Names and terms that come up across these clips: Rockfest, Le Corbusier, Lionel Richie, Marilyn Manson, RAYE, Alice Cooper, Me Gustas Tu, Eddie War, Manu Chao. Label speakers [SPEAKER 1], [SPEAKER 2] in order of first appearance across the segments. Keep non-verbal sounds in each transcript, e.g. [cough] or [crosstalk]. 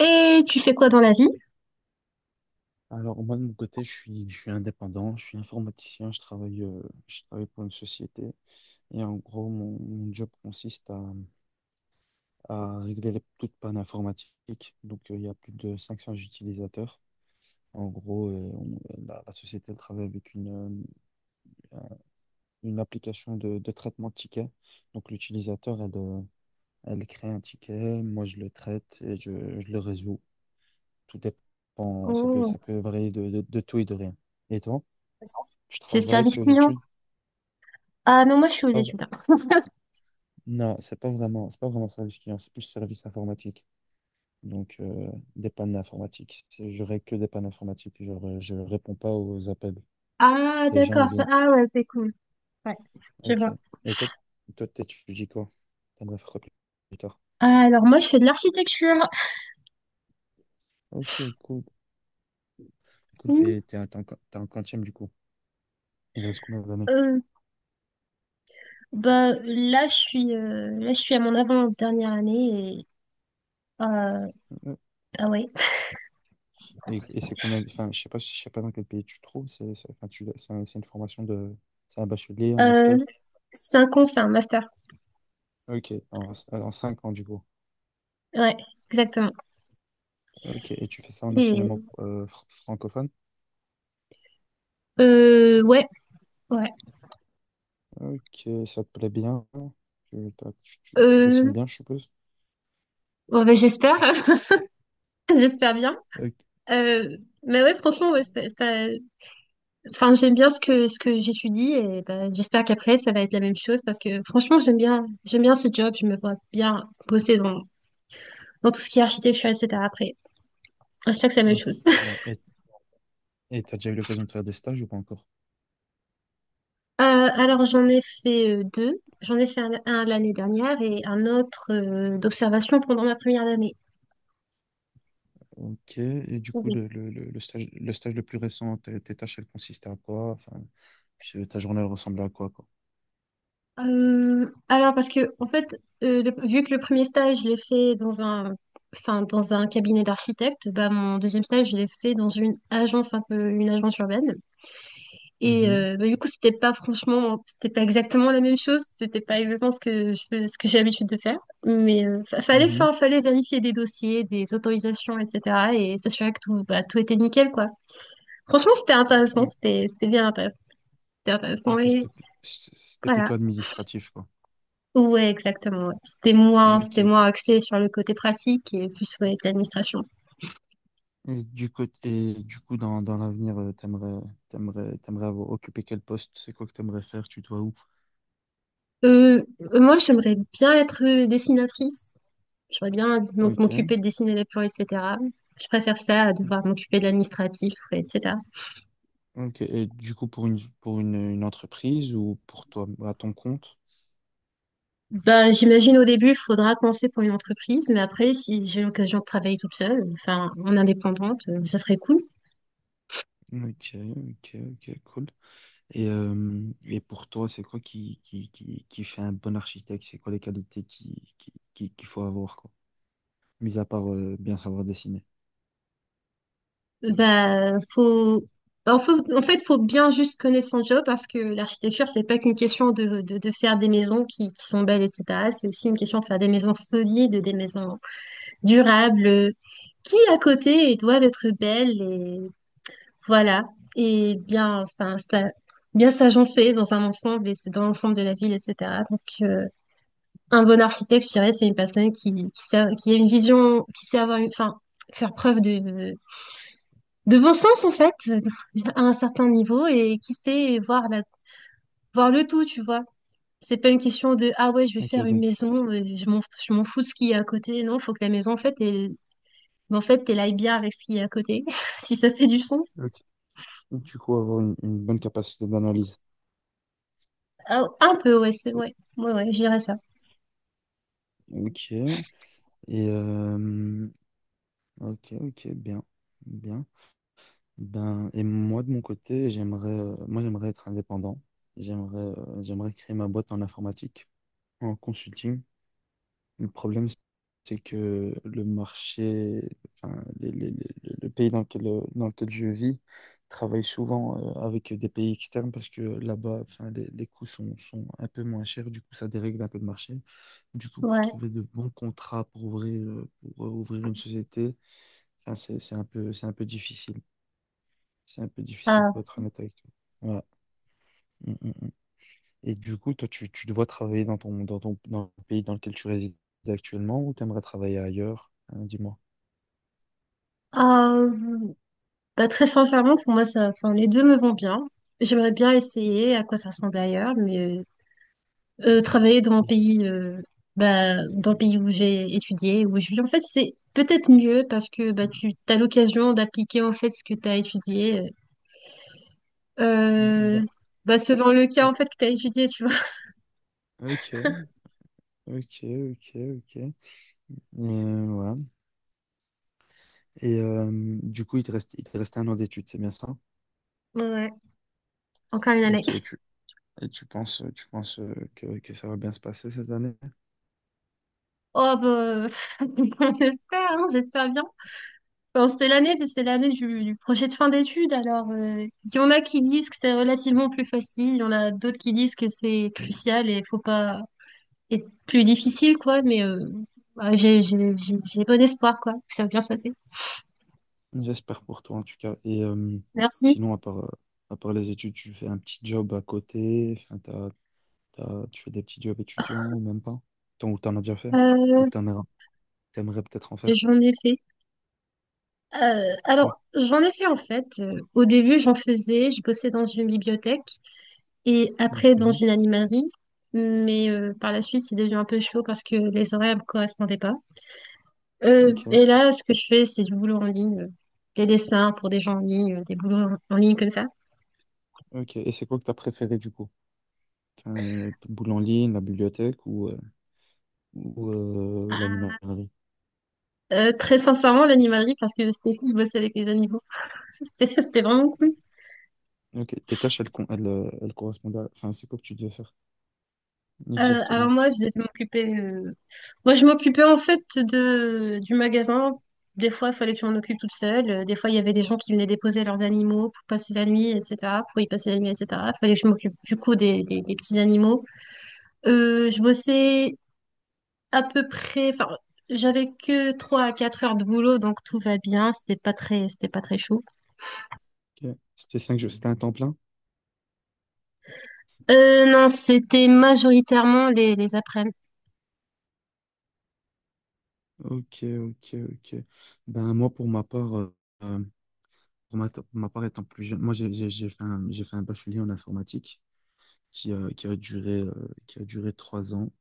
[SPEAKER 1] Et tu fais quoi dans la vie?
[SPEAKER 2] Alors moi de mon côté, je suis indépendant, je suis informaticien, je travaille pour une société et en gros mon job consiste à régler toute panne informatique. Donc il y a plus de 500 utilisateurs. En gros, la société elle travaille avec euh, une application de traitement de tickets. Donc l'utilisateur, elle crée un ticket, moi je le traite et je le résous. Tout dépend, ça peut,
[SPEAKER 1] Oh,
[SPEAKER 2] ça peut varier de tout et de rien. Et toi, tu
[SPEAKER 1] c'est le
[SPEAKER 2] travailles,
[SPEAKER 1] service
[SPEAKER 2] tes
[SPEAKER 1] client.
[SPEAKER 2] études?
[SPEAKER 1] Ah non, moi je suis aux
[SPEAKER 2] C'est pas, v-
[SPEAKER 1] études.
[SPEAKER 2] Non, c'est pas vraiment service client, c'est plus service informatique. Donc, des pannes informatiques. Je règle que des pannes informatiques. Genre, je réponds pas aux appels.
[SPEAKER 1] Ah,
[SPEAKER 2] Les gens, ils
[SPEAKER 1] d'accord.
[SPEAKER 2] viennent.
[SPEAKER 1] Ah ouais, c'est cool. Ouais, je
[SPEAKER 2] Ok.
[SPEAKER 1] vois.
[SPEAKER 2] Et toi, t'étudies quoi? T'as de la fréquence plus tard.
[SPEAKER 1] Ah, alors moi je fais de l'architecture.
[SPEAKER 2] Ok, cool, cool.
[SPEAKER 1] Hmm,
[SPEAKER 2] Et t'es un, t'es en qu- t'es en quantième, du coup. Il reste combien d'années?
[SPEAKER 1] Euh, bah là je suis à mon avant-dernière année et euh,
[SPEAKER 2] Euh,
[SPEAKER 1] ah ouais.
[SPEAKER 2] Et, c'est combien, enfin, je sais pas dans quel pays tu te trouves. Enfin, c'est une formation de, c'est un bachelier, un
[SPEAKER 1] Euh,
[SPEAKER 2] master.
[SPEAKER 1] c'est un master.
[SPEAKER 2] Ok, en 5 ans, du coup.
[SPEAKER 1] Ouais, exactement.
[SPEAKER 2] Ok, et tu fais ça en enseignement
[SPEAKER 1] Et
[SPEAKER 2] francophone?
[SPEAKER 1] ouais, ouais.
[SPEAKER 2] Ok, ça te plaît bien? Tu, t'as- tu- tu dessines
[SPEAKER 1] Euh,
[SPEAKER 2] bien, je suppose?
[SPEAKER 1] bon, bah, j'espère, [laughs] j'espère bien.
[SPEAKER 2] Ok.
[SPEAKER 1] Euh, mais ouais, franchement, ouais. Enfin, j'aime bien ce que j'étudie et ben, j'espère qu'après, ça va être la même chose parce que franchement, j'aime bien ce job. Je me vois bien bosser dans tout ce qui est architecture, etc. Après, j'espère que c'est la même
[SPEAKER 2] Ok.
[SPEAKER 1] chose. [laughs]
[SPEAKER 2] Et, et t'as déjà eu l'occasion de faire des stages ou pas encore?
[SPEAKER 1] Alors, j'en ai fait deux. J'en ai fait un l'année dernière et un autre d'observation pendant ma première année.
[SPEAKER 2] Ok, et du coup,
[SPEAKER 1] Oui.
[SPEAKER 2] le stage le plus récent, tes tâches, elles consistaient à quoi? Enfin, ta journée, elle ressemblait à quoi, quoi?
[SPEAKER 1] Alors, parce que, en fait, vu que le premier stage, je l'ai fait dans un, enfin, dans un cabinet d'architecte, bah, mon deuxième stage, je l'ai fait dans une agence, un peu une agence urbaine. Et
[SPEAKER 2] Mhm,
[SPEAKER 1] bah, du coup, c'était pas franchement, c'était pas exactement la même chose, c'était pas exactement ce que ce que j'ai l'habitude de faire, mais
[SPEAKER 2] mhm.
[SPEAKER 1] fallait vérifier des dossiers, des autorisations, etc. Et s'assurer que tout, bah, tout était nickel, quoi. Franchement, c'était intéressant, c'était bien intéressant, c'était intéressant
[SPEAKER 2] Ok,
[SPEAKER 1] et
[SPEAKER 2] c'était
[SPEAKER 1] voilà.
[SPEAKER 2] plutôt administratif, quoi.
[SPEAKER 1] Ouais, exactement. Ouais. C'était moins, c'était
[SPEAKER 2] Ok.
[SPEAKER 1] moins axé sur le côté pratique et plus sur l'administration.
[SPEAKER 2] Et du côté, et du coup, dans l'avenir, t'aimerais avoir occupé quel poste? C'est quoi que t'aimerais faire? Tu te vois où?
[SPEAKER 1] Euh, Moi, j'aimerais bien être dessinatrice. J'aurais bien dû
[SPEAKER 2] Ok.
[SPEAKER 1] m'occuper de dessiner les plans, etc. Je préfère ça à devoir m'occuper de l'administratif, etc.
[SPEAKER 2] Ok. Et du coup, une entreprise ou pour toi, à ton compte?
[SPEAKER 1] Bah, j'imagine au début, il faudra commencer pour une entreprise, mais après, si j'ai l'occasion de travailler toute seule, enfin, en indépendante, ça serait cool.
[SPEAKER 2] Ok, ok, ok, cool. Et pour toi, c'est quoi qui fait un bon architecte? C'est quoi les qualités qu'il faut avoir, quoi? Mis à part, bien savoir dessiner.
[SPEAKER 1] Bah, faut... en fait, faut bien juste connaître son job parce que l'architecture, c'est pas qu'une question de faire des maisons qui sont belles, etc. C'est aussi une question de faire des maisons solides, des maisons durables, qui à côté doivent être belles. Voilà. Et bien, enfin, ça, bien s'agencer dans un ensemble et c'est dans l'ensemble de la ville, etc. Donc, un bon architecte, je dirais, c'est une personne qui a une vision, qui sait avoir une, enfin, faire preuve de bon sens, en fait, [laughs] à un certain niveau et qui sait voir le tout, tu vois. C'est pas une question de, ah ouais, je vais
[SPEAKER 2] Ok,
[SPEAKER 1] faire une
[SPEAKER 2] donc,
[SPEAKER 1] maison, je m'en fous de ce qu'il y a à côté. Non, faut que la maison, en fait, elle aille bien avec ce qu'il y a à côté, [laughs] si ça fait du sens.
[SPEAKER 2] ok. Du coup, avoir une bonne capacité d'analyse.
[SPEAKER 1] Ah, un peu, ouais, c'est, ouais, ouais, ouais, je dirais ça.
[SPEAKER 2] Ok. Euh, Ok, ok, bien, bien. Ben, et moi, de mon côté, moi, j'aimerais être indépendant. J'aimerais créer ma boîte en informatique, en consulting. Le problème, c'est que le marché, enfin, le pays dans lequel je vis travaille souvent, avec des pays externes parce que là-bas, enfin, les coûts sont un peu moins chers. Du coup, ça dérègle un peu le marché. Du coup, pour
[SPEAKER 1] Ouais.
[SPEAKER 2] trouver de bons contrats pour ouvrir une société, enfin, c'est un peu, c'est un peu difficile. C'est un peu difficile
[SPEAKER 1] Ah.
[SPEAKER 2] pour être honnête avec toi. Ouais. Mm, mm, mm. Et du coup, toi, tu dois travailler dans le pays dans lequel tu résides actuellement ou t'aimerais travailler ailleurs? Hein, dis-moi.
[SPEAKER 1] Euh, Bah, très sincèrement, pour moi, ça, enfin, les deux me vont bien. J'aimerais bien essayer à quoi ça ressemble ailleurs, mais travailler dans mon
[SPEAKER 2] Et-
[SPEAKER 1] pays, bah, dans le
[SPEAKER 2] et-
[SPEAKER 1] pays où j'ai étudié, où je vis, en fait, c'est peut-être mieux parce que bah, tu as l'occasion d'appliquer en fait ce que tu as étudié, euh,
[SPEAKER 2] dans-
[SPEAKER 1] bah, selon le cas
[SPEAKER 2] oui.
[SPEAKER 1] en fait que tu as étudié, tu vois. [laughs]
[SPEAKER 2] Ok, ok, ok, ok. Ouais. Et du coup, il te reste un an d'études, c'est bien ça?
[SPEAKER 1] Ouais, encore une année.
[SPEAKER 2] Ok, et tu penses que ça va bien se passer cette année?
[SPEAKER 1] Oh, bah, [laughs] on espère, hein, j'espère bien. Bon, c'était l'année, c'est l'année du projet de fin d'études. Alors, il y en a qui disent que c'est relativement plus facile, il y en a d'autres qui disent que c'est crucial et faut pas être plus difficile, quoi. Mais bah, j'ai bon espoir, quoi, que ça va bien se passer.
[SPEAKER 2] J'espère pour toi en tout cas. Et
[SPEAKER 1] Merci.
[SPEAKER 2] sinon, à part les études, tu fais un petit job à côté. Enfin, tu fais des petits jobs étudiants ou même pas? Ou t'en as déjà fait? Ou
[SPEAKER 1] Euh,
[SPEAKER 2] t'aimerais peut-être en faire?
[SPEAKER 1] J'en ai fait.
[SPEAKER 2] Oui.
[SPEAKER 1] Alors, j'en ai fait en fait. Au début, j'en faisais, je bossais dans une bibliothèque et après dans
[SPEAKER 2] Mhm.
[SPEAKER 1] une animalerie. Mais par la suite, c'est devenu un peu chaud parce que les horaires ne me correspondaient pas.
[SPEAKER 2] Ok,
[SPEAKER 1] Et là, ce que je fais, c'est du boulot en ligne, des dessins pour des gens en ligne, des boulots en ligne comme ça.
[SPEAKER 2] ok. Et c'est quoi que t'as préféré du coup? Boule en ligne, la bibliothèque ou l'animalerie?
[SPEAKER 1] Très sincèrement, l'animalerie, parce que c'était cool de bosser avec les animaux. [laughs] C'était vraiment cool.
[SPEAKER 2] Ok, tes tâches, elles correspondent à... Enfin, c'est quoi que tu devais faire?
[SPEAKER 1] Alors
[SPEAKER 2] Exactement.
[SPEAKER 1] moi, je devais m'occuper. Moi, je m'occupais en fait de du magasin. Des fois, il fallait que je m'en occupe toute seule. Des fois, il y avait des gens qui venaient déposer leurs animaux pour passer la nuit, etc. Pour y passer la nuit, etc. Il fallait que je m'occupe du coup des petits animaux. Je bossais à peu près, enfin, j'avais que 3 à 4 heures de boulot, donc tout va bien. C'était pas très chaud.
[SPEAKER 2] Ok. C'était 5 jours, c'était un temps plein?
[SPEAKER 1] Non, c'était majoritairement les après-midi.
[SPEAKER 2] Ok, ok, ok. Ben, moi, euh, pour ma part étant plus jeune, moi, j'ai fait un bachelier en informatique. qui a, qui a duré, euh, qui a duré 3 ans.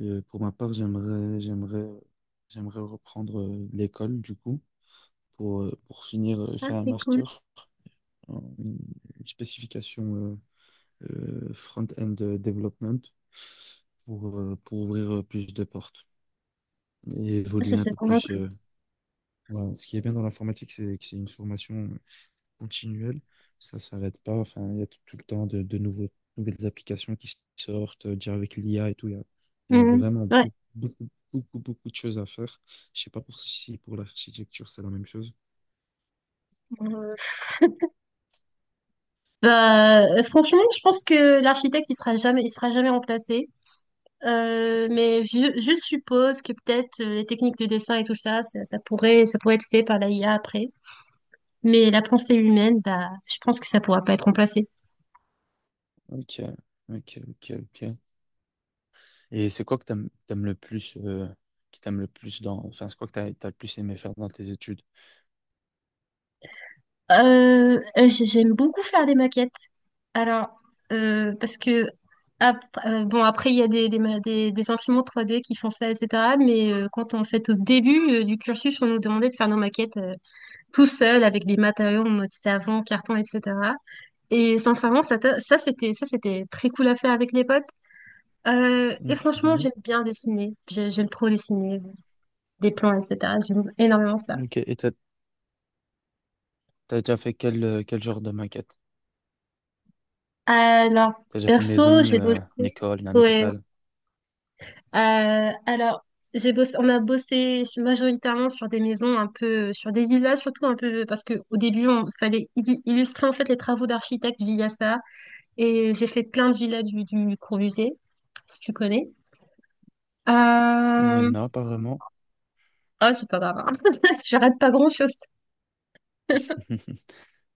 [SPEAKER 2] Et pour ma part, j'aimerais reprendre l'école, du coup, pour finir,
[SPEAKER 1] Ah,
[SPEAKER 2] faire un
[SPEAKER 1] c'est cool.
[SPEAKER 2] master, en une spécification euh, front-end development, pour ouvrir plus de portes et
[SPEAKER 1] Ah, ça,
[SPEAKER 2] évoluer un
[SPEAKER 1] c'est
[SPEAKER 2] peu
[SPEAKER 1] vraiment
[SPEAKER 2] plus.
[SPEAKER 1] cool.
[SPEAKER 2] Voilà. Ce qui est bien dans l'informatique, c'est que c'est une formation continuelle. Ça s'arrête pas. Enfin, il y a tout le temps de nouvelles applications qui sortent, déjà avec l'IA et tout. Il y a
[SPEAKER 1] Mhm.
[SPEAKER 2] vraiment
[SPEAKER 1] Ouais.
[SPEAKER 2] beaucoup, beaucoup, beaucoup, beaucoup de choses à faire. Je sais pas pour si pour l'architecture, c'est la même chose.
[SPEAKER 1] Euh, Bah, franchement, je pense que l'architecte, il sera jamais remplacé. Mais je suppose que peut-être les techniques de dessin et tout ça, ça pourrait être fait par la IA après. Mais la pensée humaine, bah, je pense que ça pourra pas être remplacé.
[SPEAKER 2] Ok, ok, ok, ok. Et c'est quoi que t'aimes le plus, qui t'aimes le plus dans, enfin, c'est quoi que t'as le plus aimé faire dans tes études?
[SPEAKER 1] J'aime beaucoup faire des maquettes. Alors, parce que bon, après il y a des imprimantes 3D qui font ça, etc. Mais quand en fait au début du cursus, on nous demandait de faire nos maquettes tout seul avec des matériaux en mode savon, carton, etc. Et sincèrement, ça, c'était très cool à faire avec les potes. Et franchement,
[SPEAKER 2] Mhm.
[SPEAKER 1] j'aime bien dessiner. J'aime trop dessiner des plans, etc. J'aime énormément ça.
[SPEAKER 2] Ok, et t'as déjà fait quel genre de maquette?
[SPEAKER 1] Alors,
[SPEAKER 2] T'as déjà fait une
[SPEAKER 1] perso,
[SPEAKER 2] maison,
[SPEAKER 1] j'ai
[SPEAKER 2] une
[SPEAKER 1] bossé.
[SPEAKER 2] école, un
[SPEAKER 1] Ouais.
[SPEAKER 2] hôpital?
[SPEAKER 1] Alors, j'ai bossé, on a bossé majoritairement sur des maisons un peu, sur des villas surtout un peu, parce que au début, on fallait illustrer en fait les travaux d'architecte via ça. Et j'ai fait plein de villas du Corbusier, si tu connais. Euh,
[SPEAKER 2] Non, pas vraiment.
[SPEAKER 1] Ah, c'est pas grave, hein. [laughs] Je rate pas grand-chose.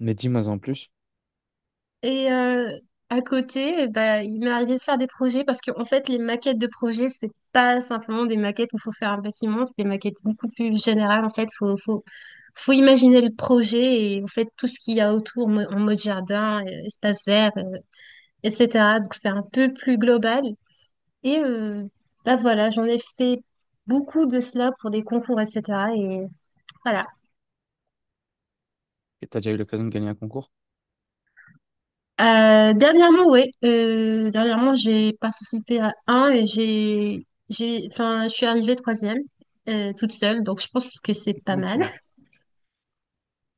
[SPEAKER 2] Mais dis-moi en plus,
[SPEAKER 1] Et à côté, bah, il m'est arrivé de faire des projets parce qu'en fait, les maquettes de projets, c'est pas simplement des maquettes où il faut faire un bâtiment, c'est des maquettes beaucoup plus générales. En fait, faut imaginer le projet et en fait, tout ce qu'il y a autour en mode jardin, espace vert, etc. Donc, c'est un peu plus global. Et bah voilà, j'en ai fait beaucoup de cela pour des concours, etc. Et voilà.
[SPEAKER 2] et t'as déjà eu l'occasion de gagner un concours?
[SPEAKER 1] Dernièrement, oui. Dernièrement, j'ai participé à un et enfin, je suis arrivée troisième, toute seule. Donc, je pense que c'est pas mal.
[SPEAKER 2] Ok,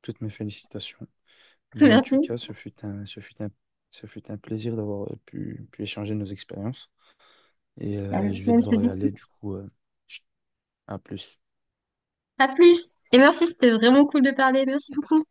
[SPEAKER 2] toutes mes félicitations.
[SPEAKER 1] [laughs]
[SPEAKER 2] Ben, en tout
[SPEAKER 1] Merci.
[SPEAKER 2] cas, ce fut un plaisir d'avoir pu échanger nos expériences. Et
[SPEAKER 1] Même
[SPEAKER 2] je vais devoir
[SPEAKER 1] chose
[SPEAKER 2] y aller,
[SPEAKER 1] ici.
[SPEAKER 2] du coup, à plus.
[SPEAKER 1] À plus. Et merci, c'était vraiment cool de parler. Merci beaucoup.